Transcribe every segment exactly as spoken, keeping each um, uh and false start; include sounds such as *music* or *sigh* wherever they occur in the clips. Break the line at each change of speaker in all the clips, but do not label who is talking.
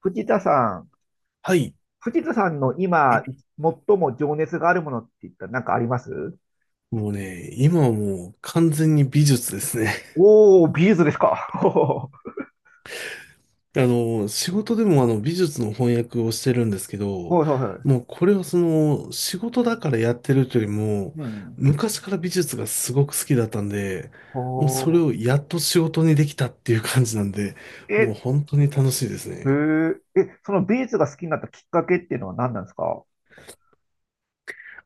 藤田さん。
はい。
藤田さんの今、最も情熱があるものって言ったら何かあります？
もうね、今はもう完全に美術ですね。
おー、ビーズですか。*laughs* ほ
*laughs* あの、仕事でもあの美術の翻訳をしてるんですけ
う
ど、
ほうほう。
もうこれはその仕事だからやってるというよりも、
うん。
昔から美術がすごく好きだったんで、
ほ
もうそれをやっと仕事にできたっていう感じなんで、
う。
もう
え、
本当に楽しいです
へ
ね。
え、え、そのビーズが好きになったきっかけっていうのは何なんですか？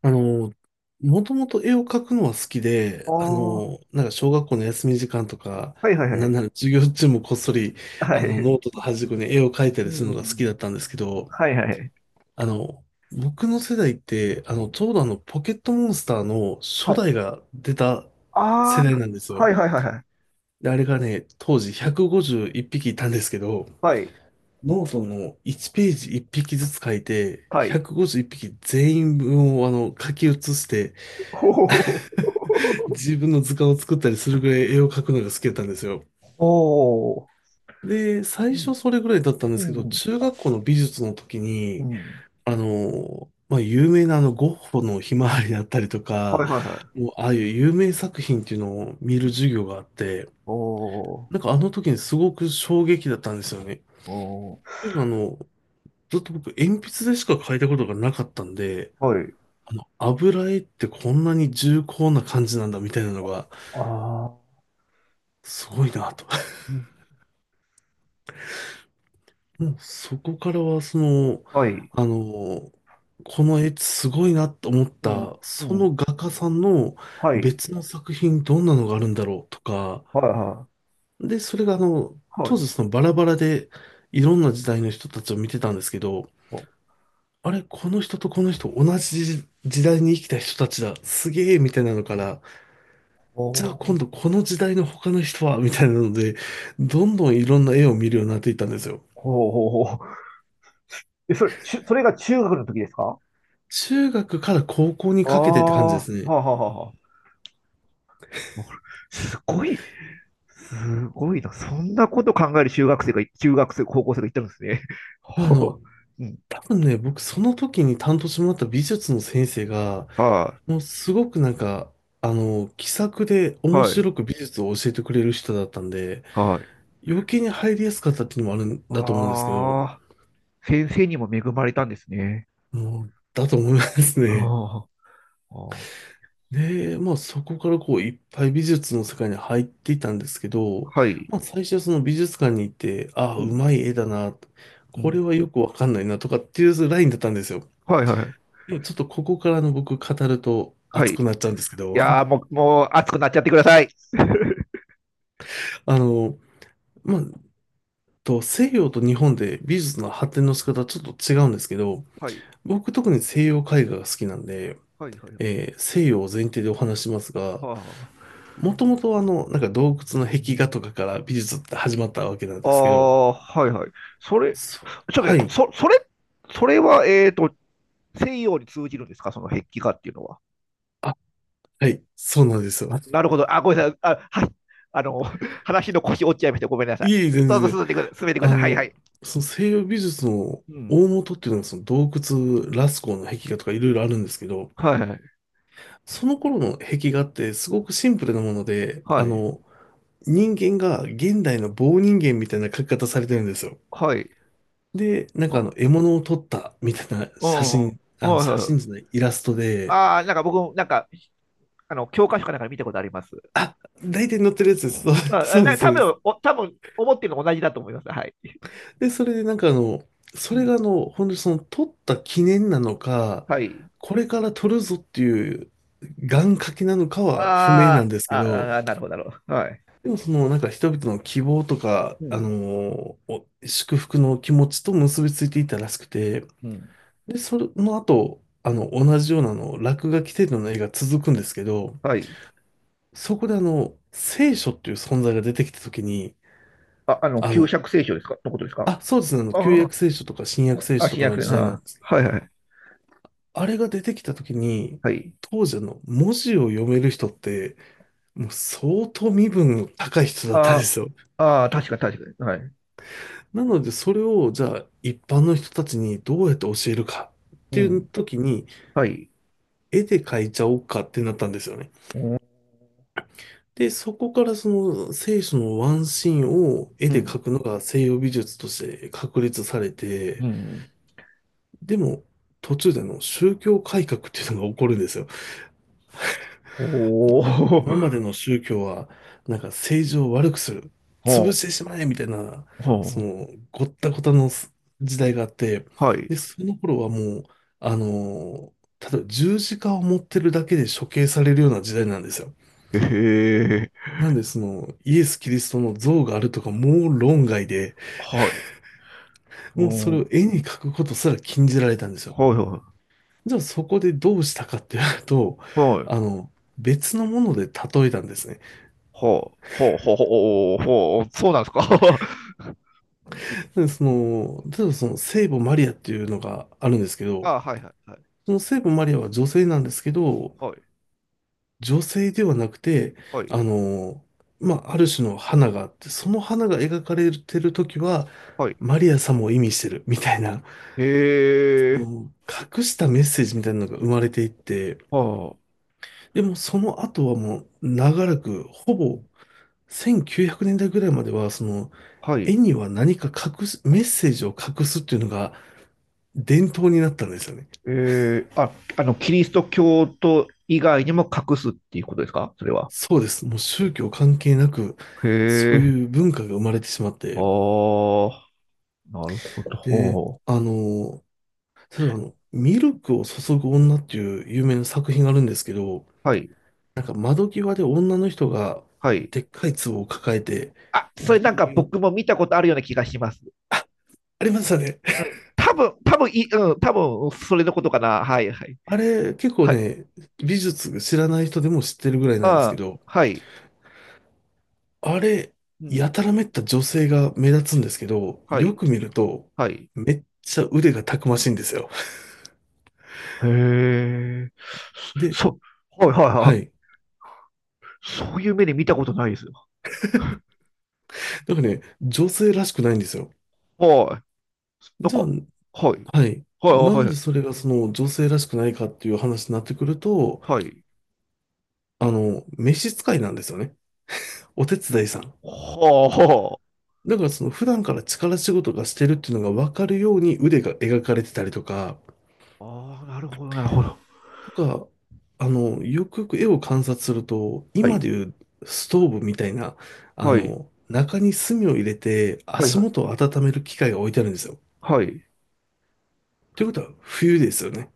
あの、もともと絵を描くのは好き
ああ、
で、あ
は
の、なんか小学校の休み時間とか、
いはいは
なん
い。
なら授業中もこっそり、
は
あの、
い。
ノートと端っこに絵を描いた
う
りするのが好き
ん。
だったんですけど、
はいはい。
あの、僕の世代って、あ
う
の、
ん。
ちょうどあの、ポケットモンスターの
は
初
い。
代が出た
あ
世代
あ、
なんです
は
よ。
いはいはいはい。
で、あれがね、当時ひゃくごじゅういっぴきいっぴきいたんですけど、
はい。
ノートのいちページいっぴきずつ書いて、
はい。
ひゃくごじゅういっぴき全員分をあの、書き写して、
ほうほうほう。
*laughs* 自分の図鑑を作ったりするぐらい絵を描くのが好きだったんですよ。
ほ
で、
う。
最
う
初
ん。
それぐらいだったんですけど、
うん。
中学校の美術の時
う
に、
ん。
あの、まあ、有名なあのゴッホのひまわりだったりと
は
か、
いはいは
もうああいう有名作品っていうのを見
い。
る授業があって、
おお。
なんかあの時にすごく衝撃だったんですよね。っ
お
ていうのはあの、ずっと僕鉛筆でしか描いたことがなかったんで、
はい。
あの、油絵ってこんなに重厚な感じなんだみたいなのが、
あ
すごいなと。もうそこからは、その、
あ、はい。
あの、この絵すごいなと思っ
うん、
た、
う
そ
ん。
の画家さんの
はい。
別の作品どんなのがあるんだろうとか、
はい、は
で、それがあの、
い。は
当時
い。
そのバラバラでいろんな時代の人たちを見てたんですけど、
ほ、
あれ、この人とこの人同じ時代に生きた人たちだ、すげえみたいなのから、
ほ、
じゃあ今度この時代の他の人はみたいなので、どんどんいろんな絵を見るようになっていったんですよ。
ほ、ほ、ほ。え、それ、ちゅ、それが中学の時ですか？
中学から高校に
あ
かけてって感じ
あ、
で
は
す
あ、
ね。
はあ、はあ。すごい、すごいな。そんなこと考える中学生が、中学生、高校生がいたんですね。*laughs*
あ
ほ
の、
う、うん。
多分ね、僕その時に担当してもらった美術の先生が、
は
もうすごくなんか、あの、気さくで
い、
面
はい、
白く美術を教えてくれる人だったんで、
はい。
余計に入りやすかったっていうのもあるんだと思うんですけど、
ああ、先生にも恵まれたんですね。
もう、だと思いますね。
ああ、ああ、
で、まあそこからこういっぱい美術の世界に入っていたんですけど、
はい。
まあ最初はその美術館に行って、ああ、
う
う
ん、
まい絵だな、
う
こ
ん。
れはよくわかんないなとかっていうラインだったんですよ。
はい、はい、
でもちょっとここからの僕語ると
はい。
熱
い
くなっちゃうんですけど、
やーも
*laughs*
う、もう熱くなっちゃってください。*laughs*
あの、まあ、と西洋と日本で美術の発展の仕方はちょっと違うんですけど、
はい、
僕特に西洋絵画が好きなんで、
はい、はい。
えー西洋を前提でお話しますが、
は
もともとあの、なんか洞窟の壁画とかから美術って始まったわけなん
あ、あ
ですけど、
あ、はい、はい。それ、
そ
ちょっと待
は
って、
い。
そ、それ、それは、えっと、西洋に通じるんですか、その壁画っていうのは？
あ、はい。そうなんですよ。*laughs*
なるほど。あ、ごめんなさい。あ、はい。あの、*laughs* 話の腰折っちゃいました。ごめんなさい。
いえいえ、全
どうぞ
然。
進んでください。進めてくだ
あ
さい。はい、は
の、
い。
その西洋美術の
う
大
ん。
元っていうのはその洞窟、ラスコーの壁画とかいろいろあるんですけど、
はい、はい。
その頃の壁画ってすごくシンプルなもので、
は
あ
い。
の、人間が現代の棒人間みたいな描き方されてるんですよ。
はい。
で、なん
う
かあ
ん。
の、獲物を撮ったみたいな
うん。
写
はい、
真、あの、写
は
真じゃ
い。
ない、イラストで、
ああ、なんか僕も、なんか、あの、教科書かなんかで見たことあります。
あ、大体載ってるやつです。そう
まあ、
そうです、
な
そ
多
うです。
分お多分思ってるの同じだと思います。はい。
で、それでなんかあの、そ
う
れ
ん。
があの、本当にその撮った記念なのか、
はい。
これから撮るぞっていう願掛けなのかは不明な
あ
ん
ー
ですけ
あ
ど、
ー、あーなるほど、なるほど。はい。
でもそのなんか人々の希望とか、
う
あ
ん。
のお祝福の気持ちと結びついていたらしくて、
うん。
で、その後、あの、同じようなあの落書き程度の絵が続くんですけど、
はい。
そこであの、聖書っていう存在が出てきた時に、
あ、あの、
あ
旧
の、
釈聖書ですかのことですか？
あ、そうですね、あの、旧
あ
約聖書とか新約聖
あ、あ、
書と
新
か
約
の
聖書。
時代
あ
なん
あ、
ですけ
はい
ど、
はい。
あれが出てきた時に、
はい。
当時あの、文字を読める人って、もう相当身分の高い人だったんで
あ
すよ。
あ、あー確か確かに。はい。
なので、それを、じゃあ、一般の人たちにどうやって教えるかっ
う
ていう
ん。
時に、
はい。
絵で描いちゃおうかってなったんですよね。
うん。
で、そこからその聖書のワンシーンを絵
う
で描
ん。
くのが西洋美術として確立され
う
て、
ん。
でも、途中であの宗教改革っていうのが起こるんですよ。
ほ
今
ー。
までの宗教は、なんか政治を悪くする、
*laughs*
潰
ほ
し
う。
てしまえみたいな、そ
ほ
の、
う。
ごったごたのす時代があって、
はい。
で、その頃はもう、あの、例えば十字架を持ってるだけで処刑されるような時代なんですよ。
へえ。
なんで、その、イエス・キリストの像があるとか、もう論外で、
はい。う
もうそ
ん。
れ
は
を絵に描くことすら禁じられたんですよ。
いは
じゃあそこでどうしたかっていうと、
い。は
あ
い。
の、別のもので例えたんですね。
ほう、ほう、ほう、ほう、ほう、ほうそうなんですか。*laughs*
で、その、例えばその聖母マリアっていうのがあるんですけど、
あ、はいはいはい。
その聖母マリアは女性なんですけど、
はい、
女性ではなくて、
はい、
あの、まあ、ある種の花があって、その花が描かれてる時は、
はい。
マリア様を意味してるみたいな、そ
え
の隠したメッセージみたいなのが生まれていって、
はあ、
でもその後はもう長らく、ほ
う
ぼ
ん
せんきゅうひゃくねんだいぐらいまでは、その
は
絵
い。
には何か隠す、メッセージを隠すっていうのが伝統になったんですよね。
えー、あ、あの、キリスト教徒以外にも隠すっていうことですかそれは？
そうです。もう宗教関係なく、
へ
そう
え、
いう文化が生まれてしまっ
あ
て、
あ、なるほ
で、
ど。
あの、例えばあの、ミルクを注ぐ女っていう有名な作品があるんですけど、
はい、
なんか窓際で女の人が
はい。
でっかい壺を抱えて、
あ、それ
牛
なんか
乳、
僕も見たことあるような気がします。
ありましたね。
う
*laughs*
ん、多分、多分い、うん、多分、それのことかな。はい、はい。
あれ、結構
はい。
ね、美術知らない人でも知ってるぐらいなんですけ
ああ、
ど、
はい。
あれ、
う
や
ん、
たらめった女性が目立つんですけど、
は
よ
い、
く見ると、
はい。
めっちゃ腕がたくましいんですよ。
へえ。
で、
そ、はいはいは
は
い。
い。
そういう目で見たことないですよ。
なんかね、女性らしくないんですよ。
はい。なん
じゃあ、
か、はい。
はい。
はい
な
は
ん
いは
で
い。
それがその女性らしくないかっていう話になってくると、
はい。
あの、召使いなんですよね。お手伝いさん。
はあ、は
だからその普段から力仕事がしてるっていうのが分かるように腕が描かれてたりとか、
あ。ああ、なるほどなるほど。
とか、あの、よくよく絵を観察すると、
は
今
い。
でいうストーブみたいな、あ
はい。
の、中に炭を入れて
はい
足
はい。
元を温める機械が置いてあるんですよ。
はい。
ということは冬ですよね。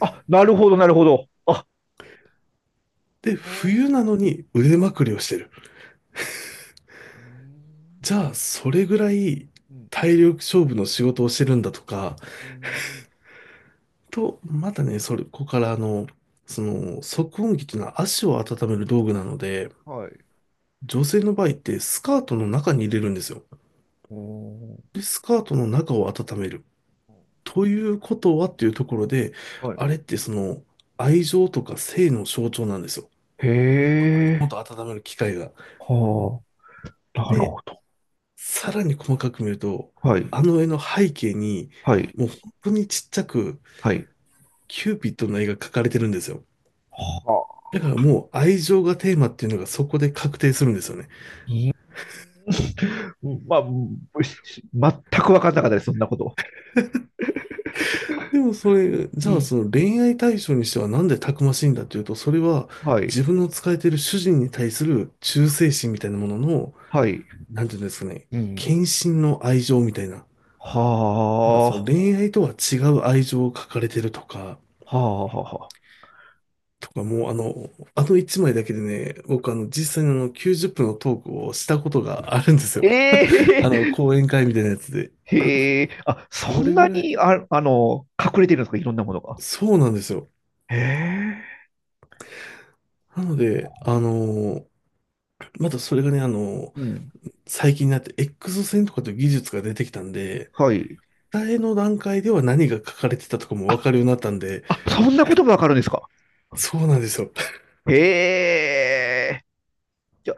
あ、なるほどなるほど。あ、は
で、冬なのに腕
あは
まくりをしてる。
うーん。
じゃあ、それぐらい
うん。
体力勝負の仕事をしてるんだとか、
うーん。
と、またね、それ、ここからあの、その、足温器というのは足を温める道具なので、
はい。
女性の場合ってスカートの中に入れるんですよ。
うーん。
で、スカートの中を温める。ということはっていうところで、
はい。
あれってその、愛情とか性の象徴なんですよ。
へ
もっ
え。
と温める機会が。
はあ。なる
で、
ほど。
さらに細かく見ると、
はい。
あの絵の背景に、
はい。
もう本当にちっちゃく、
はい。
キューピッドの絵が描かれてるんですよ。
はあ。
だからもう愛情がテーマっていうのがそこで確定するんですよね。
うーん。まあ、全く分かんなかったです、そんなこと。
でもそれ、じ
う
ゃあ
ん。
その恋愛対象にしてはなんでたくましいんだっていうと、それは
はい、
自分の使えている主人に対する忠誠心みたいなものの、
はい。
なんていうんですかね、
うん。
献身の愛情みたいな。だ
は
からその恋愛とは違う愛情を書かれてるとか、
あ、はあ、はあ。
とか、もうあの、あの一枚だけでね、僕あの、実際にあの、きゅうじゅっぷんのトークをしたことがあるんですよ。*laughs* あの、
ええ、
講演会みたいなやつで。
へえ、あ、そ
そ
ん
れぐ
な
らい、
に、あ、あの、隠れてるんですか、いろんなものが？
そうなんですよ。
へえ、
なので、あの、またそれがね、あの、
うん、
最近になって エックスせんとかという技術が出てきたんで、
はい。
伝えの段階では何が書かれてたとかもわか
あ、
るようになったんで、
あ、そんなことがわかるんですか？
そうなんですよ。
へえ、じゃあ、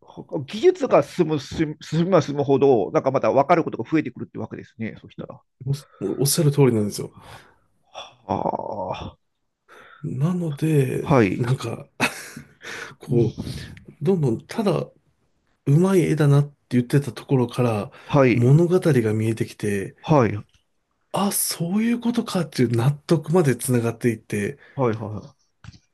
ほ技術が進む、進む進めば進むほど、なんかまたわかることが増えてくるってわけですね、そしたら。
おおっしゃる通りなんですよ。
は
なので、
あ、はい。
なんか、
う
こ
ん。
う、どんどんただうまい絵だなって言ってたところから
はい。
物語が見えてきて、
はい、はい、
あ、そういうことかっていう納得までつながっていって、
はいは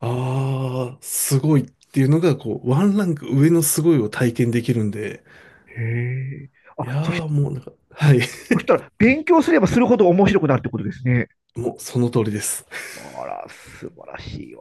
ああ、すごいっていうのが、こう、ワンランク上のすごいを体験できるんで、
い。へえ。
いや
あ、そし、
ーもうなんか、はい、
そしたら、勉強すればするほど面白くなるってことですね。
もうその通りです。
あら、素晴らしいわ。